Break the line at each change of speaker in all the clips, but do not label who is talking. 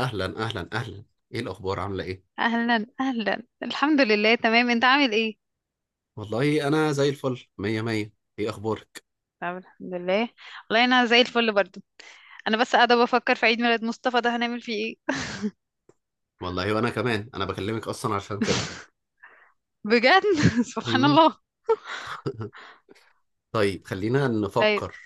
اهلا اهلا اهلا، ايه الاخبار عامله ايه؟
اهلا اهلا، الحمد لله تمام. انت عامل ايه؟
والله انا زي الفل مية مية. ايه اخبارك؟
طب الحمد لله. والله انا زي الفل برضو. انا بس قاعده بفكر في عيد ميلاد مصطفى، ده هنعمل فيه ايه؟
والله وانا كمان، انا بكلمك اصلا عشان كده.
بجد؟ سبحان
مم.
الله.
طيب خلينا
طيب.
نفكر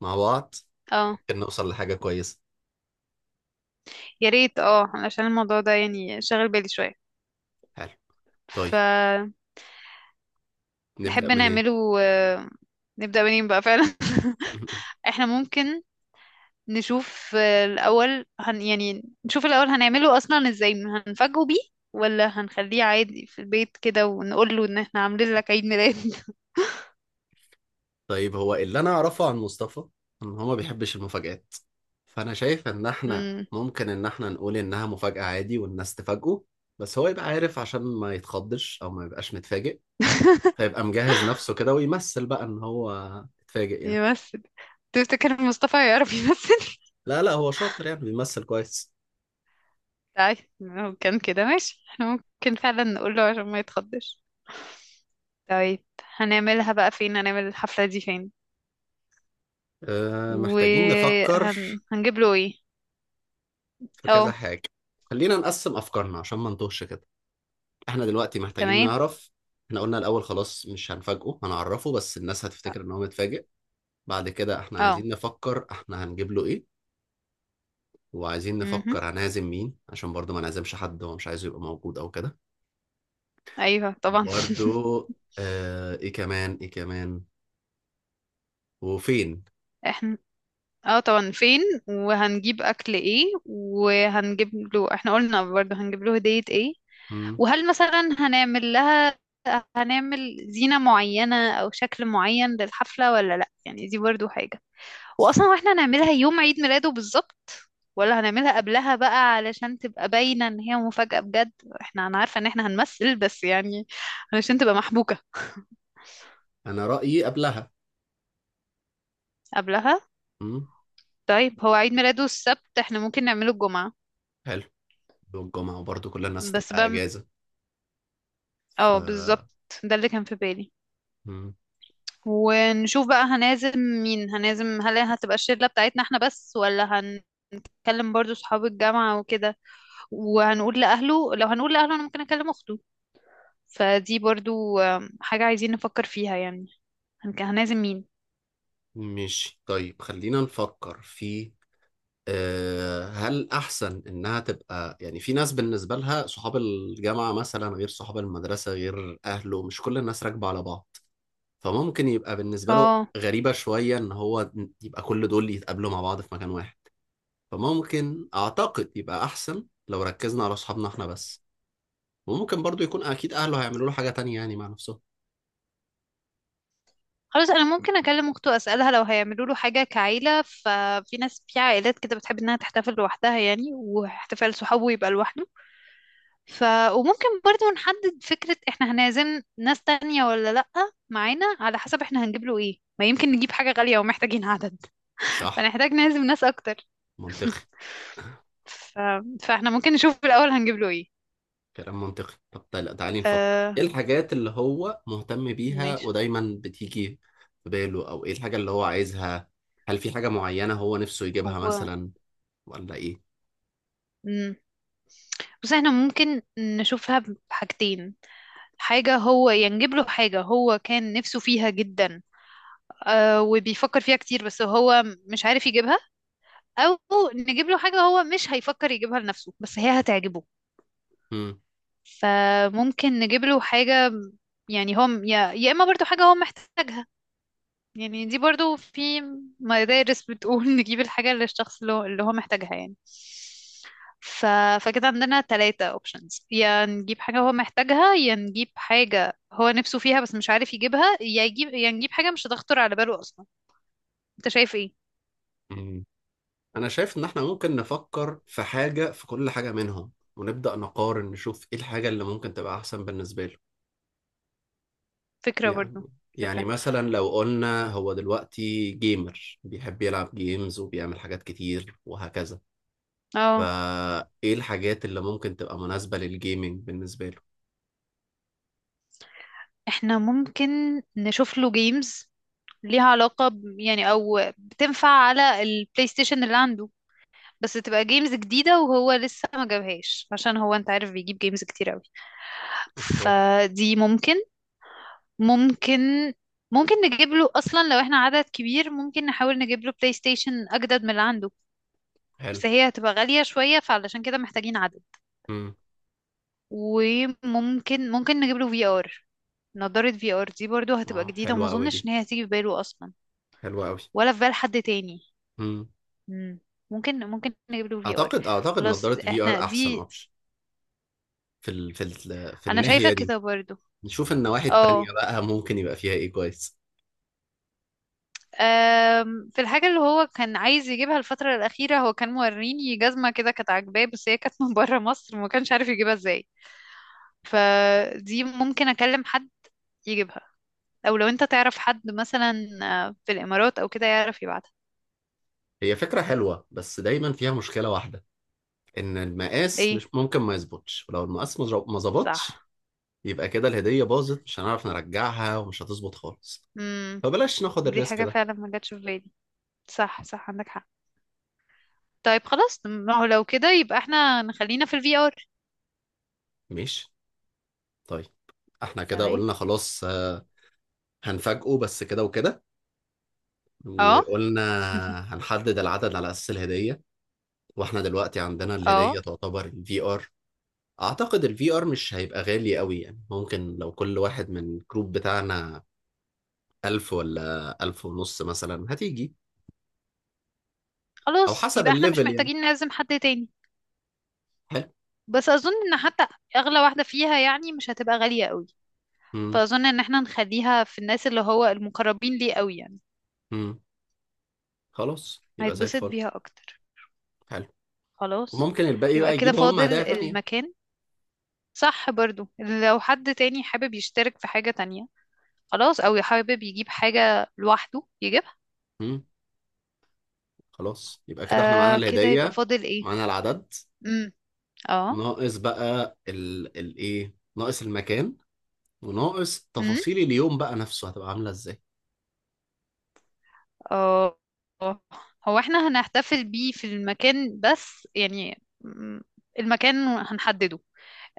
مع بعض،
اه،
ممكن نوصل لحاجه كويسه.
يا ريت. اه علشان الموضوع ده يعني شاغل بالي شويه.
حلو، طيب
فتحب؟
نبدا منين؟
نعمله نبدا منين بقى فعلا؟ احنا ممكن نشوف، الاول يعني نشوف الاول هنعمله اصلا ازاي؟ هنفاجئه بيه، ولا هنخليه عادي في البيت كده ونقول له ان احنا عاملين لك عيد ميلاد؟
طيب هو اللي انا اعرفه عن مصطفى، ان هو ما بيحبش المفاجآت، فانا شايف ان احنا
امم.
ممكن ان احنا نقول انها مفاجأة عادي والناس تفاجئه. بس هو يبقى عارف عشان ما يتخضش او ما يبقاش متفاجئ، فيبقى مجهز نفسه كده ويمثل بقى ان هو اتفاجئ يعني.
يمثل؟ تفتكر مصطفى يعرف يمثل؟
لا لا، هو شاطر يعني بيمثل كويس.
طيب، لو كان كده ماشي احنا ممكن فعلا نقول له عشان ما يتخضش. طيب. هنعملها بقى فين؟ هنعمل الحفلة دي فين؟
أه، محتاجين نفكر
وهنجيب له ايه؟
في كذا
اه.
حاجة. خلينا نقسم أفكارنا عشان ما نتوهش كده. احنا دلوقتي محتاجين
تمام.
نعرف. احنا قلنا الأول خلاص مش هنفاجئه، هنعرفه بس الناس هتفتكر ان هو متفاجئ. بعد كده احنا
اه.
عايزين نفكر احنا هنجيب له ايه، وعايزين
امم.
نفكر هنعزم مين، عشان برضه ما نعزمش حد هو مش عايزه يبقى موجود او كده.
ايوه طبعا.
برضه، اه ايه كمان ايه كمان، وفين؟
احنا. اه طبعا فين. وهنجيب اكل ايه؟ وهنجيب له، احنا قلنا برضه هنجيب له هدية ايه؟
مم.
وهل مثلا هنعمل زينة معينة أو شكل معين للحفلة ولا لأ؟ يعني دي برضو حاجة.
صح،
وأصلا، واحنا هنعملها يوم عيد ميلاده بالظبط ولا هنعملها قبلها بقى علشان تبقى باينة إن هي مفاجأة بجد؟ أنا عارفة إن احنا هنمثل، بس يعني علشان تبقى محبوكة.
انا رايي قبلها.
قبلها؟
امم.
طيب، هو عيد ميلاده السبت، احنا ممكن نعمله الجمعة.
حلو، والجمعه وبرضه كل الناس
بس
تبقى
بقى
اجازه. ف
اه بالظبط، ده اللي كان في بالي.
مم.
ونشوف بقى هنعزم مين، هل هتبقى الشلة بتاعتنا احنا بس ولا اكلم برضو صحاب الجامعة وكده؟ وهنقول لأهله لو هنقول لأهله، انا ممكن اكلم اخته. فدي برضو حاجة عايزين نفكر فيها يعني. هنعزم مين؟
ماشي، طيب خلينا نفكر في هل احسن انها تبقى يعني، في ناس بالنسبه لها صحاب الجامعه مثلا غير صحاب المدرسه غير اهله، مش كل الناس راكبه على بعض، فممكن يبقى بالنسبه له
اه
غريبه شويه ان هو يبقى كل دول يتقابلوا مع بعض في مكان واحد. فممكن اعتقد يبقى احسن لو ركزنا على اصحابنا احنا بس. وممكن برضو يكون اكيد اهله هيعملوا له حاجه تانية يعني مع نفسهم.
خلاص، انا ممكن اكلم اخته اسالها لو هيعملوا له حاجه كعيله. ففي ناس في عائلات كده بتحب انها تحتفل لوحدها يعني، واحتفال صحابه يبقى لوحده. ف وممكن برضو نحدد فكره، احنا هنعزم ناس تانية ولا لا؟ معانا على حسب احنا هنجيب له ايه، ما يمكن نجيب حاجه غاليه ومحتاجين عدد.
صح،
فنحتاج نعزم ناس اكتر.
منطقي.
ف... فاحنا ممكن نشوف الأول هنجيب له ايه.
كلام منطقي، طب تعالي نفكر
آه
ايه الحاجات اللي هو مهتم بيها
ماشي.
ودايما بتيجي في باله، او ايه الحاجه اللي هو عايزها، هل في حاجه معينه هو نفسه
هو
يجيبها مثلا، ولا ايه؟
مم. بس احنا ممكن نشوفها بحاجتين. حاجة، هو ينجيب له حاجة هو كان نفسه فيها جدا آه، وبيفكر فيها كتير، بس هو مش عارف يجيبها. أو نجيب له حاجة هو مش هيفكر يجيبها لنفسه بس هي هتعجبه.
مم.
فممكن نجيب له حاجة، يعني هو يا إما برضو حاجة هو محتاجها. يعني دي برضو في مدارس بتقول نجيب الحاجة اللي الشخص اللي هو محتاجها يعني. ف... فكده عندنا تلاتة اوبشنز، يا نجيب حاجة هو محتاجها، يا نجيب حاجة هو نفسه فيها بس مش عارف يجيبها، يا نجيب حاجة مش هتخطر على باله أصلا. انت شايف ايه؟
مم. انا شايف ان احنا ممكن نفكر في حاجه، في كل حاجه منهم ونبدا نقارن نشوف ايه الحاجه اللي ممكن تبقى احسن بالنسبه له.
فكرة
يعني
برضو.
يعني
فكرة.
مثلا لو قلنا هو دلوقتي جيمر بيحب يلعب جيمز وبيعمل حاجات كتير وهكذا،
اه.
فايه الحاجات اللي ممكن تبقى مناسبة للجيمنج بالنسبة له.
احنا ممكن نشوف له جيمز ليها علاقة يعني، او بتنفع على البلاي ستيشن اللي عنده، بس تبقى جيمز جديدة وهو لسه ما جابهاش، عشان هو انت عارف بيجيب جيمز كتير قوي.
اوكي.
فدي ممكن ممكن نجيب له اصلا، لو احنا عدد كبير، ممكن نحاول نجيب له بلاي ستيشن اجدد من اللي عنده.
حلو.
بس هي هتبقى غالية شوية، فعلشان كده محتاجين عدد.
امم.
وممكن نجيب له في ار، نضارة في ار دي برضو هتبقى
اه،
جديدة وما
حلوة قوي
اظنش
دي،
ان هي هتيجي في باله اصلا،
حلوة قوي.
ولا في بال حد تاني.
امم
مم. ممكن نجيب له في ار.
اعتقد اعتقد نظارة
خلاص
في ار
احنا
احسن
دي.
اوبشن في
انا شايفة
الناحية دي.
كده برضو.
نشوف النواحي
اه.
التانية بقى ممكن يبقى فيها ايه كويس.
في الحاجة اللي هو كان عايز يجيبها الفترة الأخيرة، هو كان موريني جزمة كده كانت عاجباه، بس هي كانت من بره مصر وما كانش عارف يجيبها ازاي. فدي ممكن أكلم حد يجيبها، أو لو أنت تعرف حد مثلا في الإمارات أو كده يعرف يبعتها.
هي فكرة حلوة بس دايما فيها مشكلة واحدة، ان المقاس مش
ايه.
ممكن ما يظبطش، ولو المقاس ما ظبطش
صح.
يبقى كده الهدية باظت، مش هنعرف نرجعها ومش هتظبط خالص،
امم،
فبلاش ناخد
دي
الريسك
حاجة
ده.
فعلا ما جاتش في بالي. صح صح، عندك حق. طيب خلاص، ما هو لو كده يبقى احنا نخلينا في الفي ار.
ماشي، طيب احنا كده
تمام.
قلنا خلاص هنفاجئه بس كده وكده.
اه.
وقلنا هنحدد العدد على أساس الهدية، واحنا دلوقتي عندنا
اه.
الهدية تعتبر الفي ار. اعتقد الفي ار مش هيبقى غالي قوي يعني، ممكن لو كل واحد من الجروب بتاعنا 1000 ولا 1500 مثلا هتيجي. أو
خلاص
حسب
يبقى احنا مش
الليفل يعني.
محتاجين نعزم حد تاني.
حلو.
بس اظن ان حتى اغلى واحده فيها يعني مش هتبقى غاليه قوي.
مم.
فاظن ان احنا نخليها في الناس اللي هو المقربين ليه قوي، يعني
مم. خلاص يبقى زي
هيتبسط
الفل.
بيها اكتر.
حلو،
خلاص
وممكن الباقي
يبقى
بقى
كده
يجيبوا هم
فاضل
هدايا تانية.
المكان. صح، برضو لو حد تاني حابب يشترك في حاجه تانية، خلاص، او حابب يجيب حاجه لوحده يجيبها.
مم. خلاص يبقى كده احنا معانا
آه، كده يبقى
الهدية،
فاضل ايه؟
معانا العدد.
امم. اه.
ناقص بقى الايه، ناقص المكان، وناقص
امم.
تفاصيل اليوم بقى نفسه هتبقى عاملة ازاي.
اه. آه. هو احنا هنحتفل بيه في المكان بس، يعني المكان هنحدده.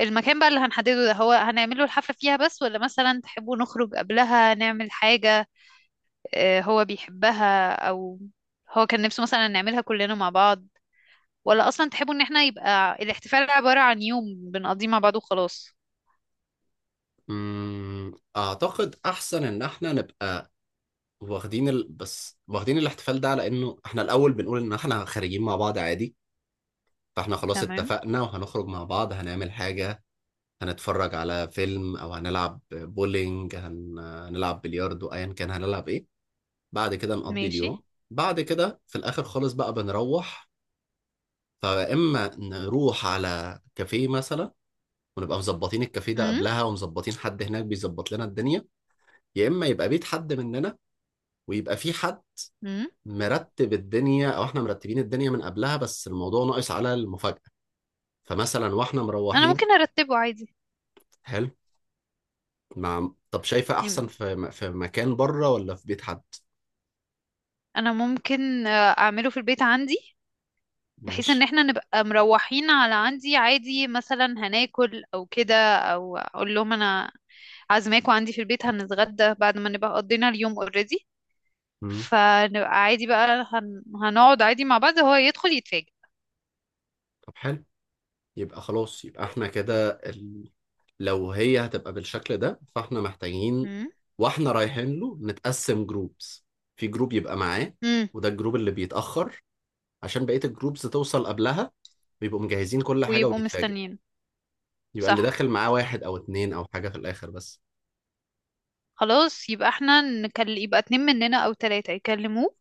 المكان بقى اللي هنحدده ده، هو هنعمله الحفلة فيها بس، ولا مثلا تحبوا نخرج قبلها نعمل حاجة هو بيحبها، أو هو كان نفسه مثلا نعملها كلنا مع بعض، ولا أصلا تحبوا إن احنا يبقى الاحتفال عبارة عن يوم بنقضيه مع بعض وخلاص؟
مم. اعتقد احسن ان احنا نبقى بس واخدين الاحتفال ده على انه احنا الاول بنقول ان احنا خارجين مع بعض عادي. فاحنا خلاص
تمام.
اتفقنا وهنخرج مع بعض هنعمل حاجة، هنتفرج على فيلم او هنلعب بولينج هنلعب بلياردو ايا كان هنلعب ايه. بعد كده نقضي
ماشي.
اليوم. بعد كده في الآخر خالص بقى بنروح، فيا إما نروح على كافيه مثلا ونبقى مظبطين الكافيه ده
امم.
قبلها ومظبطين حد هناك بيظبط لنا الدنيا. يا إما يبقى بيت حد مننا ويبقى في حد
امم.
مرتب الدنيا أو إحنا مرتبين الدنيا من قبلها، بس الموضوع ناقص على المفاجأة. فمثلا وإحنا
أنا
مروحين.
ممكن أرتبه عادي.
حلو. طب شايفة
يم-
أحسن في في مكان بره ولا في بيت حد؟
أنا ممكن أعمله في البيت عندي، بحيث ان
ماشي.
احنا نبقى مروحين على عندي عادي مثلا هناكل او كده، او اقول لهم انا عازماكوا عندي في البيت هنتغدى بعد ما نبقى قضينا اليوم اوريدي.
مم.
فنبقى عادي بقى، هنقعد عادي مع بعض، هو يدخل يتفاجئ.
طب حلو. يبقى خلاص يبقى احنا كده لو هي هتبقى بالشكل ده فاحنا محتاجين
امم.
واحنا رايحين له نتقسم جروبس، في جروب يبقى معاه،
امم.
وده الجروب اللي بيتأخر عشان بقية الجروبس توصل قبلها، بيبقوا مجهزين كل حاجة
ويبقوا
ويتفاجئ.
مستنيين.
يبقى اللي
صح.
داخل معاه واحد أو اتنين أو حاجة في الآخر بس.
خلاص يبقى احنا يبقى اتنين مننا او تلاتة يكلموه،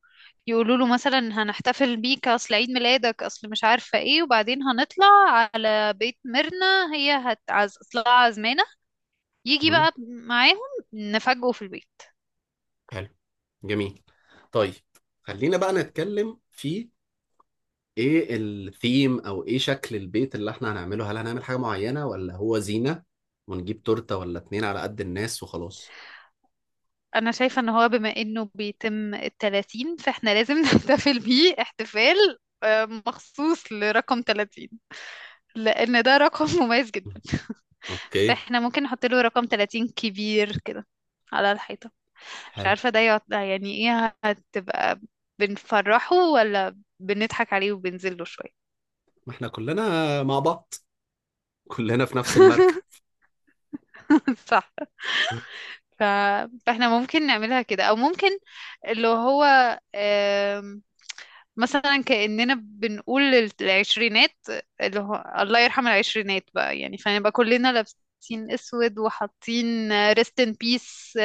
يقولوا له مثلا هنحتفل بيك اصل عيد ميلادك، اصل مش عارفة ايه، وبعدين هنطلع على بيت ميرنا هي هتعز اصلها عازمانة، يجي
مم.
بقى معاهم نفاجئه في البيت.
حلو. جميل. طيب خلينا بقى نتكلم في ايه الثيم او ايه شكل البيت اللي احنا هنعمله، هل هنعمل حاجة معينة ولا هو زينة ونجيب تورتة ولا اتنين على قد الناس وخلاص.
انا شايفة ان هو بما انه بيتم التلاتين، فاحنا لازم نحتفل بيه احتفال مخصوص لرقم 30، لان ده رقم مميز جدا.
اوكي.
فاحنا ممكن نحط له رقم 30 كبير كده على الحيطة. مش
حلو.
عارفة ده يعني ايه هتبقى، بنفرحه ولا بنضحك عليه وبنزله شوية؟
ما احنا كلنا مع بعض، كلنا في نفس المركب.
صح.
ها،
ف... فاحنا ممكن نعملها كده، او ممكن اللي هو مثلا كأننا بنقول العشرينات، اللي هو الله يرحم العشرينات بقى يعني، فنبقى كلنا لابسين اسود وحاطين ريست ان بيس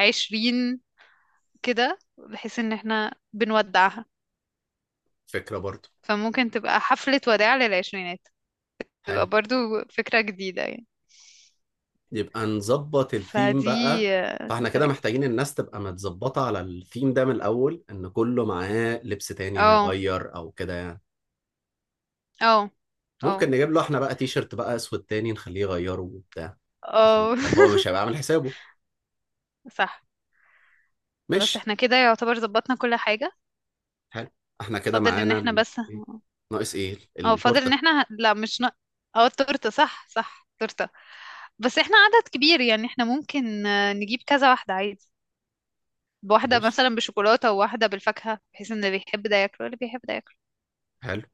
عشرين، كده بحيث ان احنا بنودعها.
فكرة برضو.
فممكن تبقى حفلة وداع للعشرينات. تبقى
حلو،
برضو فكرة جديدة يعني.
يبقى نظبط الثيم
فدي
بقى.
دي
فاحنا كده
طريقة.
محتاجين الناس تبقى متظبطة على الثيم ده من الأول، إن كله معاه لبس تاني
اه.
هيغير أو كده يعني.
اه. اه.
ممكن نجيب له احنا بقى تي شيرت بقى أسود تاني نخليه يغيره وبتاع، عشان
اه.
يبقى هو مش هيبقى عامل حسابه.
صح. خلاص
ماشي.
احنا كده يعتبر ظبطنا كل حاجة.
حلو. احنا كده
فاضل ان
معانا
احنا بس.
إيه؟ ناقص ايه
اه فاضل ان
التورتة.
احنا لا مش اه التورته، صح صح، تورته. بس احنا عدد كبير يعني، احنا ممكن نجيب كذا واحده عادي، بواحده
ماشي.
مثلا بشوكولاته وواحده بالفاكهه، بحيث ان اللي بيحب ده ياكل واللي بيحب ده ياكل.
حلو.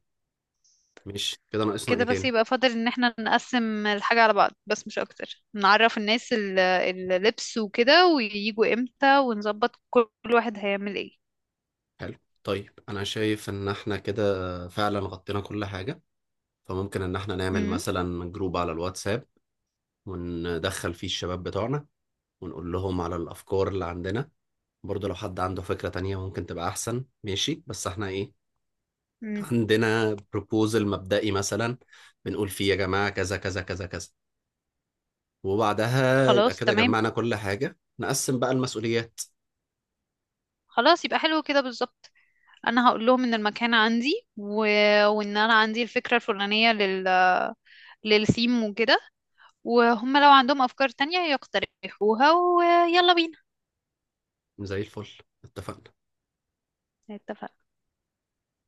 ماشي كده، ناقصنا
كده
ايه
بس،
تاني؟
يبقى فاضل ان احنا نقسم الحاجه على بعض بس مش اكتر، نعرف الناس اللبس وكده، وييجوا امتى، ونظبط كل واحد هيعمل ايه.
حلو، طيب انا شايف ان احنا كده فعلا غطينا كل حاجة. فممكن ان احنا نعمل
امم.
مثلا جروب على الواتساب، وندخل فيه الشباب بتوعنا ونقول لهم على الافكار اللي عندنا. برضه لو حد عنده فكرة تانية ممكن تبقى احسن، ماشي، بس احنا ايه،
امم.
عندنا بروبوزل مبدئي مثلا بنقول فيه يا جماعة كذا كذا كذا كذا. وبعدها يبقى
خلاص
كده
تمام.
جمعنا كل حاجة، نقسم بقى المسؤوليات.
خلاص يبقى حلو كده بالظبط. انا هقول لهم ان المكان عندي وان انا عندي الفكره الفلانيه للثيم وكده. وهم لو عندهم أفكار تانية يقترحوها، ويلا بينا.
زي الفل. اتفقنا.
اتفقنا.